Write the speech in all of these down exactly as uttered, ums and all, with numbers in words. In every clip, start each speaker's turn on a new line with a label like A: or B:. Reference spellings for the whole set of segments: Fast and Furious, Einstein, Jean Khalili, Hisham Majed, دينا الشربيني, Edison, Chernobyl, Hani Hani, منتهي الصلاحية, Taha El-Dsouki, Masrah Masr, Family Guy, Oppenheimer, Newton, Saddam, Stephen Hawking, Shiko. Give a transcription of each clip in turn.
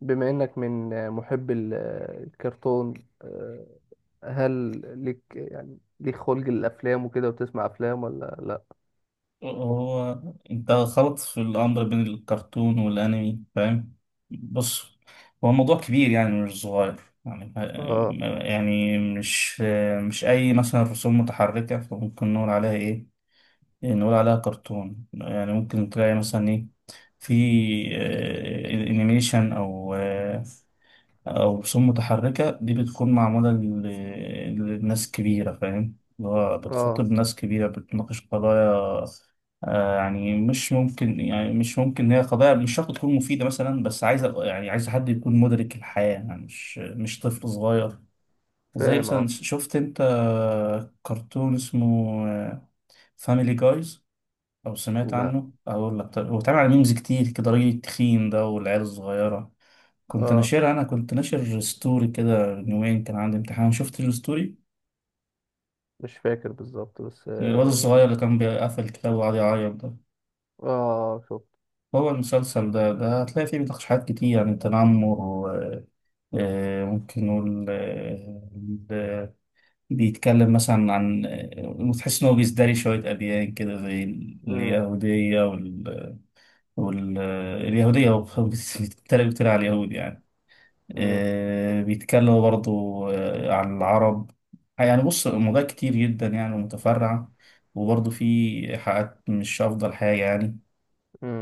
A: بما إنك من محب ال- الكرتون، آه، هل ليك يعني ليك خلق الأفلام وكده وتسمع أفلام ولا لأ؟
B: هو انت خلط في الامر بين الكرتون والانمي، فاهم؟ بص، هو الموضوع كبير يعني، مش صغير يعني.
A: آه
B: يعني مش مش اي مثلا رسوم متحركه فممكن نقول عليها ايه، نقول عليها كرتون يعني. ممكن تلاقي مثلا ايه، في آه، انيميشن او آه، أو رسوم متحركة، دي بتكون معمولة ل- لناس كبيرة، فاهم؟ اللي هو
A: آه.
B: بتخاطب ناس كبيرة، بتناقش قضايا. آه، يعني مش ممكن، يعني مش ممكن، هي قضايا مش شرط تكون مفيدة مثلا، بس عايزة يعني عايز حد يكون مدرك الحياة، يعني مش مش طفل صغير. زي
A: فاهم،
B: مثلا،
A: آه.
B: شفت انت كرتون اسمه فاميلي جايز او سمعت
A: لأ.
B: عنه؟ اقول لك طيب، هو اتعمل على ميمز كتير كده، راجل التخين ده والعيال الصغيرة كنت
A: آه.
B: ناشرها، انا كنت ناشر ستوري كده من يومين، كان عندي امتحان شفت الستوري،
A: مش فاكر بالظبط بس
B: الواد الصغير
A: آه.
B: اللي كان بيقفل الكتاب وقعد يعيط ده.
A: آه، شفت.
B: هو المسلسل ده، ده هتلاقي فيه بتحشيحات كتير، يعني تنمر و- آه، ممكن نقول آه، ب- بيتكلم مثلا عن آه، وتحس إن هو بيزدري شوية أديان كده، زي
A: مم.
B: اليهودية وال... وال... آه، اليهودية. هو بيتريق بيتريق على اليهود يعني.
A: مم.
B: آه، بيتكلموا برضو آه، عن العرب. يعني بص، موضوع كتير جدا يعني ومتفرع، وبرضو في حلقات مش أفضل حاجة يعني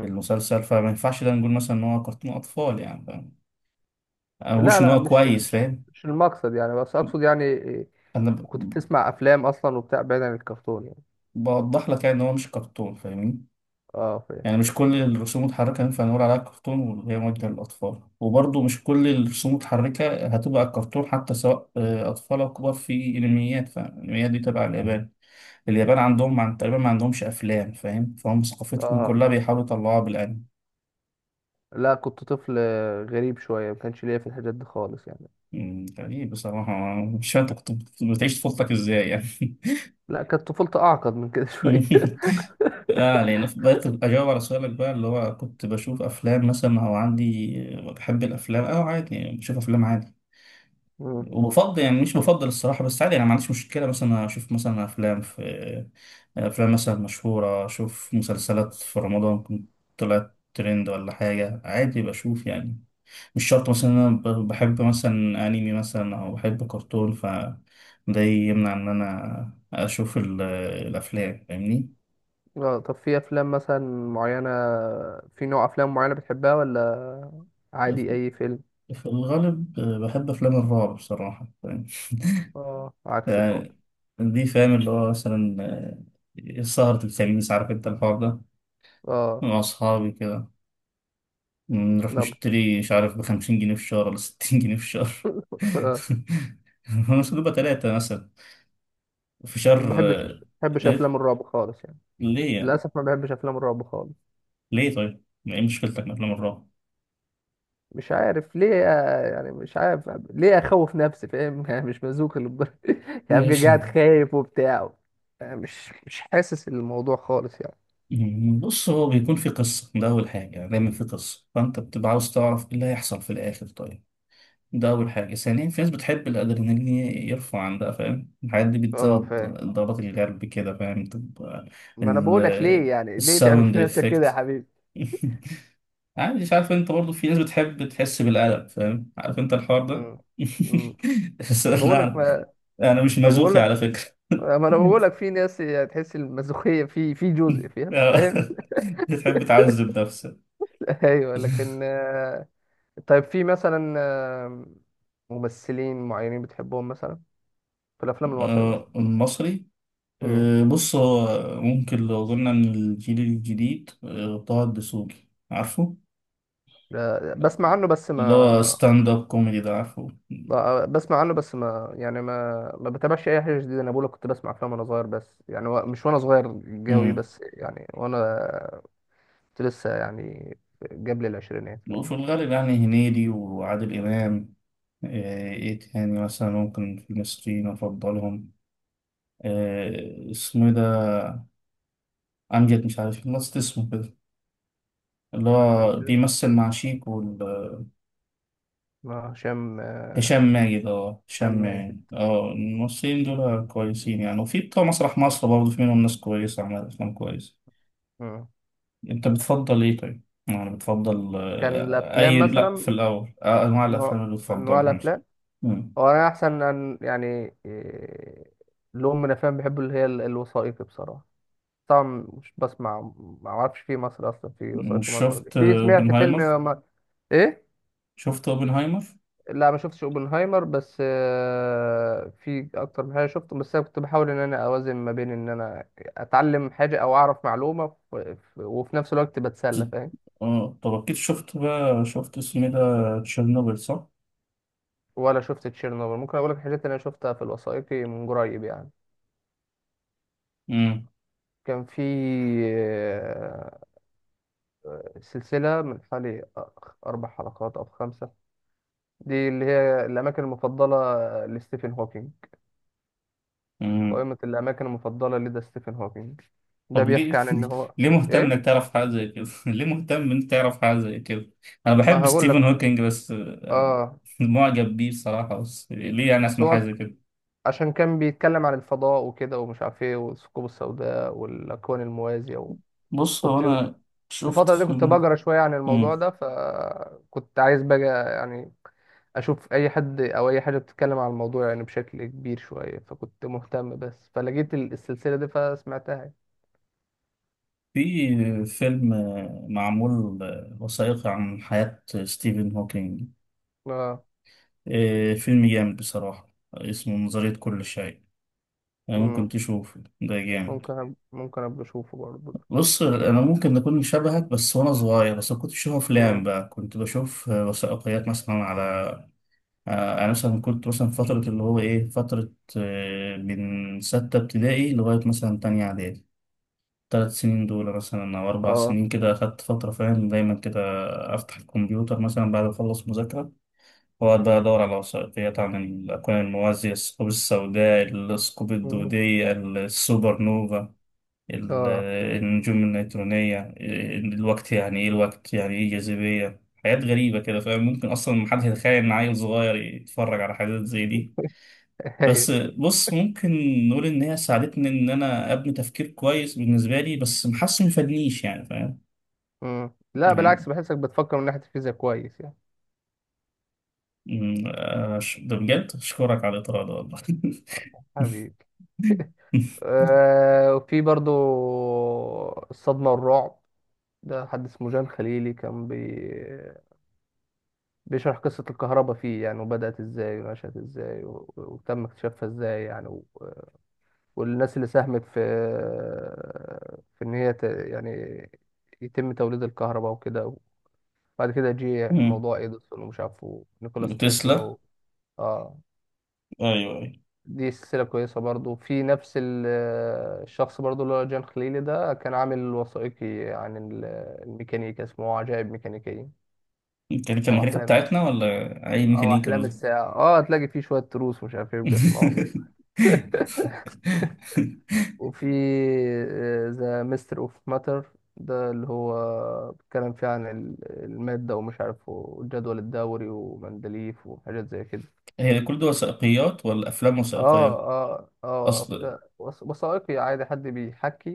B: في المسلسل، فما ينفعش ده نقول مثلا إن هو كرتون أطفال يعني، فاهم؟ أنا ما بقولش
A: لا،
B: إن
A: لا،
B: هو
A: مش
B: كويس
A: مش
B: فاهم.
A: مش المقصد يعني، بس أقصد يعني إيه،
B: أنا
A: كنت
B: ب-
A: بتسمع أفلام أصلا وبتاع، بعيد عن الكرتون يعني.
B: بوضح لك يعني إن هو مش كرتون، فاهمني؟
A: آه، فاهم.
B: يعني مش كل الرسوم المتحركة ينفع نقول عليها كرتون وهي موجهة للأطفال، وبرضو مش كل الرسوم المتحركة هتبقى كرتون حتى، سواء آه، أطفال أو كبار. في أنميات، فالأنميات دي تبع اليابان. اليابان عندهم عن تقريبا ما عندهمش أفلام، فاهم؟ فهم ثقافتهم
A: آه،
B: كلها بيحاولوا يطلعوها بالأنمي.
A: لا كنت طفل غريب شوية، ما كانش ليا في الحاجات دي خالص يعني.
B: مم، غريب بصراحة. مش فاهم أنت كنت كنت بتعيش طفولتك إزاي يعني.
A: لا، كانت طفولتي اعقد من كده شويه.
B: اه، لان بقيت اجاوب على سؤالك بقى، اللي هو كنت بشوف افلام مثلا او عندي بحب الافلام. اه، عادي يعني، بشوف افلام عادي
A: مم.
B: وبفضل، يعني مش بفضل الصراحه، بس عادي، انا ما عنديش مشكله مثلا اشوف مثلا افلام في افلام مثلا مشهوره، اشوف مسلسلات في رمضان، كنت طلعت ترند ولا حاجه، عادي بشوف يعني. مش شرط مثلا إن أنا ب- بحب مثلا أنمي مثلا أو بحب كرتون ف ده يمنع إن أنا أشوف ال- الأفلام، فاهمني؟
A: اه، طب في افلام مثلا معينه، في نوع افلام معينه بتحبها، ولا عادي اي فيلم؟
B: في الغالب بحب أفلام الرعب بصراحة، فاهم؟
A: اه، عكسي خالص.
B: يعني دي فاهم اللي هو مثلا آه، سهرة الخميس، عارف أنت الحوار ده،
A: اه،
B: مع أصحابي كده، نروح
A: لا.
B: نشتري مش عارف بخمسين جنيه في الشهر ولا ستين جنيه في الشهر.
A: آه.
B: هو مش بتبقى تلاتة مثلا في
A: ما
B: شهر؟ آه،
A: بحبش ما بحبش افلام
B: إيه؟
A: الرعب خالص يعني.
B: ليه يعني؟
A: للاسف ما بحبش افلام الرعب خالص.
B: ليه طيب؟ ما ايه مشكلتك من افلام الرعب؟
A: مش عارف ليه آه، يعني مش عارف ليه اخوف نفسي فاهم يعني مش مزوق للدرجه. يعني ابقى
B: ماشي.
A: قاعد خايف وبتاع، يعني مش مش حاسس الموضوع خالص يعني.
B: مم، بص، هو بيكون في قصة، ده أول حاجة يعني، دايما في قصة، فأنت بتبقى عاوز تعرف إيه اللي هيحصل في الآخر، طيب. ده أول حاجة. ثانيا، في ناس بتحب الأدرينالين يرفع عن ده، فاهم؟ الحاجات دي
A: اه،
B: بتزود
A: فاهم.
B: ضربات القلب كده، فاهم؟ تبقى
A: ما انا بقول لك،
B: ال-
A: ليه يعني ليه تعمل
B: الساوند
A: في نفسك كده يا
B: إفكت.
A: حبيبي؟
B: عادي، مش عارف، أنت برضو في ناس بتحب تحس بالقلق، فاهم؟ عارف أنت الحوار ده.
A: مم. مم.
B: بس
A: بقول لك
B: لا،
A: ما
B: أنا مش
A: ما بقول
B: مازوخي على
A: لك
B: فكرة.
A: ما انا بقول لك في ناس تحس المسوخيه في في جزء، فاهم،
B: آه.
A: فاهم.
B: تحب تعذب نفسك.
A: ايوه، لكن آه، طيب في مثلا آه، ممثلين معينين بتحبهم مثلا، في الافلام المصري مثلا؟
B: آه، المصري.
A: امم.
B: آه، بص، هو ممكن لو قلنا ان الجيل الجديد، آه، طه الدسوقي، عارفه؟
A: بسمع عنه بس
B: اللي هو
A: ما...
B: ستاند اب كوميدي ده، عارفه؟
A: ب- بسمع عنه، بس ما يعني ما ما بتابعش اي حاجه جديده. انا بقول لك كنت بسمع افلام وانا صغير، بس يعني و- مش وانا صغير قوي،
B: امم.
A: بس يعني وانا كنت لسه يعني قبل العشرينات فاهم.
B: وفي الغالب يعني هنيدي وعادل امام. آه، ايه تاني مثلا ممكن في المصريين افضلهم؟ آه، اسمه إيه ده؟ امجد مش عارف، نسيت اسمه كده، اللي
A: عم
B: هو
A: كده.
B: بيمثل مع شيكو.
A: اه، هشام،
B: هشام
A: آه،
B: ماجد. اه،
A: هشام
B: هشام
A: ماجد.
B: ماجد. اه، الممثلين دول كويسين يعني، وفي بتوع مسرح مصر برضه، في منهم ناس كويسة عملت أفلام كويسة.
A: مم.
B: أنت بتفضل إيه طيب؟ يعني بتفضل
A: كان
B: آه،
A: الافلام
B: أي، لأ، في
A: مثلا،
B: الأول آه، أنواع الأفلام
A: نوع
B: اللي
A: انواع
B: بتفضلها مثلا.
A: الافلام،
B: مم.
A: هو انا احسن أن يعني إيه، لون من الافلام بحبه اللي هي ال- الوثائقي بصراحه. طبعا مش بسمع، ما اعرفش في مصر اصلا في وثائقي،
B: مش
A: مصر دي
B: شفت
A: في
B: آه،
A: سمعت فيلم
B: أوبنهايمر؟
A: آه، ما... ايه.
B: شفت أوبنهايمر؟
A: لا، ما شفتش اوبنهايمر، بس آه، في اكتر من حاجه شفته، بس انا كنت بحاول ان انا اوازن ما بين ان انا اتعلم حاجه او اعرف معلومه، ف- ف- وفي نفس الوقت بتسلى فاهم.
B: اه، طب أكيد شفت بقى، شفت اسمه إيه ده، تشيرنوبل، صح؟
A: ولا شفت تشيرنوبل. ممكن اقول لك حاجات انا شفتها في الوثائقي من قريب يعني.
B: مم.
A: كان في آه، سلسله من حوالي اربع حلقات او خمسه، دي اللي هي الاماكن المفضله لستيفن هوكينج،
B: مم.
A: قائمه الاماكن المفضله لدى ستيفن هوكينج، ده
B: طب ليه؟
A: بيحكي عن ان هو.
B: ليه مهتم
A: ايه.
B: انك تعرف حاجه زي كده؟ ليه مهتم انك تعرف حاجه زي كده؟ انا
A: ما
B: بحب
A: هقول
B: ستيفن
A: لك.
B: هوكينج بس آه،
A: اه،
B: معجب بيه بصراحه، بس ليه انا
A: بس
B: اسمع حاجه
A: هو
B: زي كده؟
A: عشان كان بيتكلم عن الفضاء وكده ومش عارف ايه، والثقوب السوداء والاكوان الموازيه و...
B: بص هو
A: وكنت في
B: انا شفت
A: الفتره دي كنت
B: فيلم.
A: بقرا شويه عن الموضوع
B: مم.
A: ده، فكنت عايز بقى يعني اشوف اي حد او اي حاجه بتتكلم عن الموضوع يعني بشكل كبير شويه، فكنت مهتم، بس فلقيت ال- السلسله دي فسمعتها يعني.
B: في فيلم آه، معمول آه، وثائقي عن حياه ستيفن هوكينج.
A: اه.
B: آه، فيلم جامد بصراحه، اسمه نظريه كل شيء. آه، ممكن
A: امم.
B: تشوفه، ده جامد.
A: ممكن أب... ممكن ابقى اشوفه برضه.
B: بص، انا ممكن نكون شبهك، بس وانا صغير بس كنت بشوف افلام
A: امم.
B: بقى، كنت بشوف آه، وثائقيات مثلا على آه، انا مثلا كنت مثلا فتره، اللي هو ايه، فتره آه، من سته ابتدائي لغايه مثلا تانية اعدادي، ثلاث سنين دول مثلا او اربع
A: اه.
B: سنين كده اخدت فتره، فاهم؟ دايما كده افتح الكمبيوتر مثلا بعد ما اخلص مذاكره، واقعد بقى ادور على وثائقيات عن الاكوان الموازيه، الثقوب السوداء، الثقوب
A: مم.
B: الدوديه، السوبر نوفا، ال-
A: اه.
B: النجوم النيترونية، الوقت يعني إيه، الوقت يعني إيه، الجاذبية، حاجات غريبة كده، فاهم؟ ممكن أصلا محدش يتخيل إن عيل صغير يتفرج على حاجات زي دي.
A: ايوه.
B: بس بص، ممكن نقول إن هي ساعدتني إن أنا أبني تفكير كويس بالنسبة لي، بس محاسس مفادنيش يعني، فاهم؟
A: مم. لا،
B: يعني
A: بالعكس، بحسك بتفكر من ناحيه الفيزياء كويس يعني.
B: أمم، آه، ش- ده بجد أشكرك على الإطراء ده والله.
A: حبيبي. آه، وفي برضو الصدمة والرعب، ده حد اسمه جان خليلي كان بي... بيشرح قصة الكهرباء فيه يعني، وبدأت ازاي ونشأت ازاي و... وتم اكتشافها ازاي يعني، و... والناس اللي ساهمت في، في ان هي ت... يعني يتم توليد الكهرباء وكده، وبعد كده جه
B: أمم،
A: موضوع اديسون ومش عارف، ونيكولاس تسلا
B: وتسلا.
A: و... اه.
B: أيوه أيوه.
A: دي سلسلة كويسة برضو في نفس ال- الشخص برضو، اللي هو جان خليلي ده كان عامل وثائقي عن ال- الميكانيكا اسمه عجائب ميكانيكية،
B: كان كان
A: أو
B: الميكانيكا
A: أحلام
B: بتاعتنا ولا أي
A: أو
B: ميكانيكا؟
A: أحلام الساعة. اه، هتلاقي فيه شوية تروس ومش عارف ايه بيبقى اسمه. وفي ذا ميستر اوف ماتر ده، اللي هو بيتكلم فيه عن ال- المادة ومش عارف، والجدول الدوري ومندليف وحاجات زي كده.
B: هي كل دي وثائقيات ولا أفلام وثائقية؟
A: اه، اه، اه،
B: أصل،
A: لا، وث- وثائقي عادي حد بيحكي،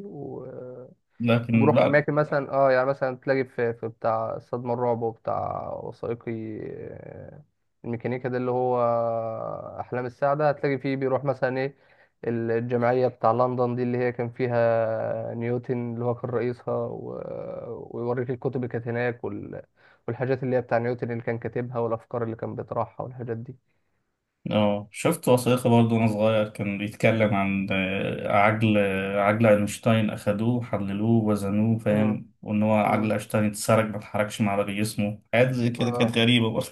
B: لكن
A: بروح
B: لا.
A: اماكن مثلا، اه يعني مثلا تلاقي في في بتاع صدمة الرعب وبتاع وثائقي، آه، الميكانيكا ده اللي هو احلام السعدة، هتلاقي فيه بيروح مثلا ايه، الجمعية بتاع لندن دي اللي هي كان فيها نيوتن اللي هو كان رئيسها، و- ويوريك الكتب اللي كانت هناك، وال... والحاجات اللي هي بتاع نيوتن اللي كان كاتبها، والافكار اللي كان بيطرحها والحاجات دي.
B: اه، شفت وثائقي برضه وأنا صغير، كان بيتكلم عن آه، عجل، عجل أينشتاين، أخدوه حللوه وزنوه،
A: امم.
B: فاهم؟ وإن هو عجل
A: امم.
B: أينشتاين اتسرق، ما اتحركش مع باقي جسمه، حاجات زي كده كانت
A: اه.
B: غريبة برضه.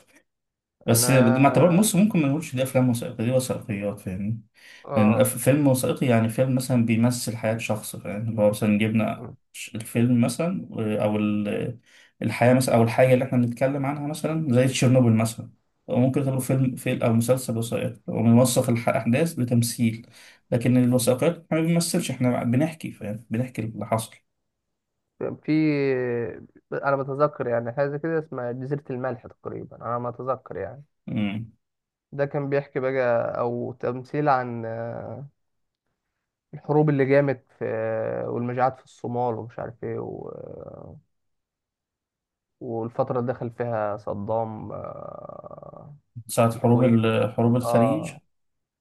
A: انا
B: بس ما اعتبر، بص، ممكن ما نقولش دي أفلام وثائقية، دي وثائقيات، فاهمني؟ يعني الأف-
A: اه
B: فيلم وثائقي يعني فيلم مثلا بيمثل حياة شخص، فاهم؟ اللي هو مثلا جبنا ش- الفيلم مثلا آه، أو ال- الحياة مثلا، أو الحاجة اللي احنا بنتكلم عنها مثلا زي تشيرنوبل مثلا، أو ممكن تعتبره فيلم، فيلم أو مسلسل وثائقي، وبنوثق الأحداث بتمثيل. لكن الوثائقيات احنا ما بنمثلش، احنا بنحكي، فاهم؟ بنحكي اللي حصل.
A: في انا بتذكر يعني حاجه كده اسمها جزيره الملح تقريبا، انا ما اتذكر يعني.
B: مم.
A: ده كان بيحكي بقى او تمثيل عن آه، الحروب اللي جامت في، آه، والمجاعات في الصومال ومش عارف ايه و- آه، والفتره اللي دخل فيها صدام، آه،
B: ساعة حروب
A: الكويت.
B: ال- حروب الخليج.
A: اه.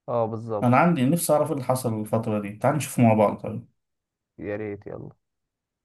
A: اه، بالظبط.
B: أنا عندي نفسي أعرف إيه اللي حصل الفترة دي، تعال نشوف مع بعض طيب.
A: يا ريت، يلا.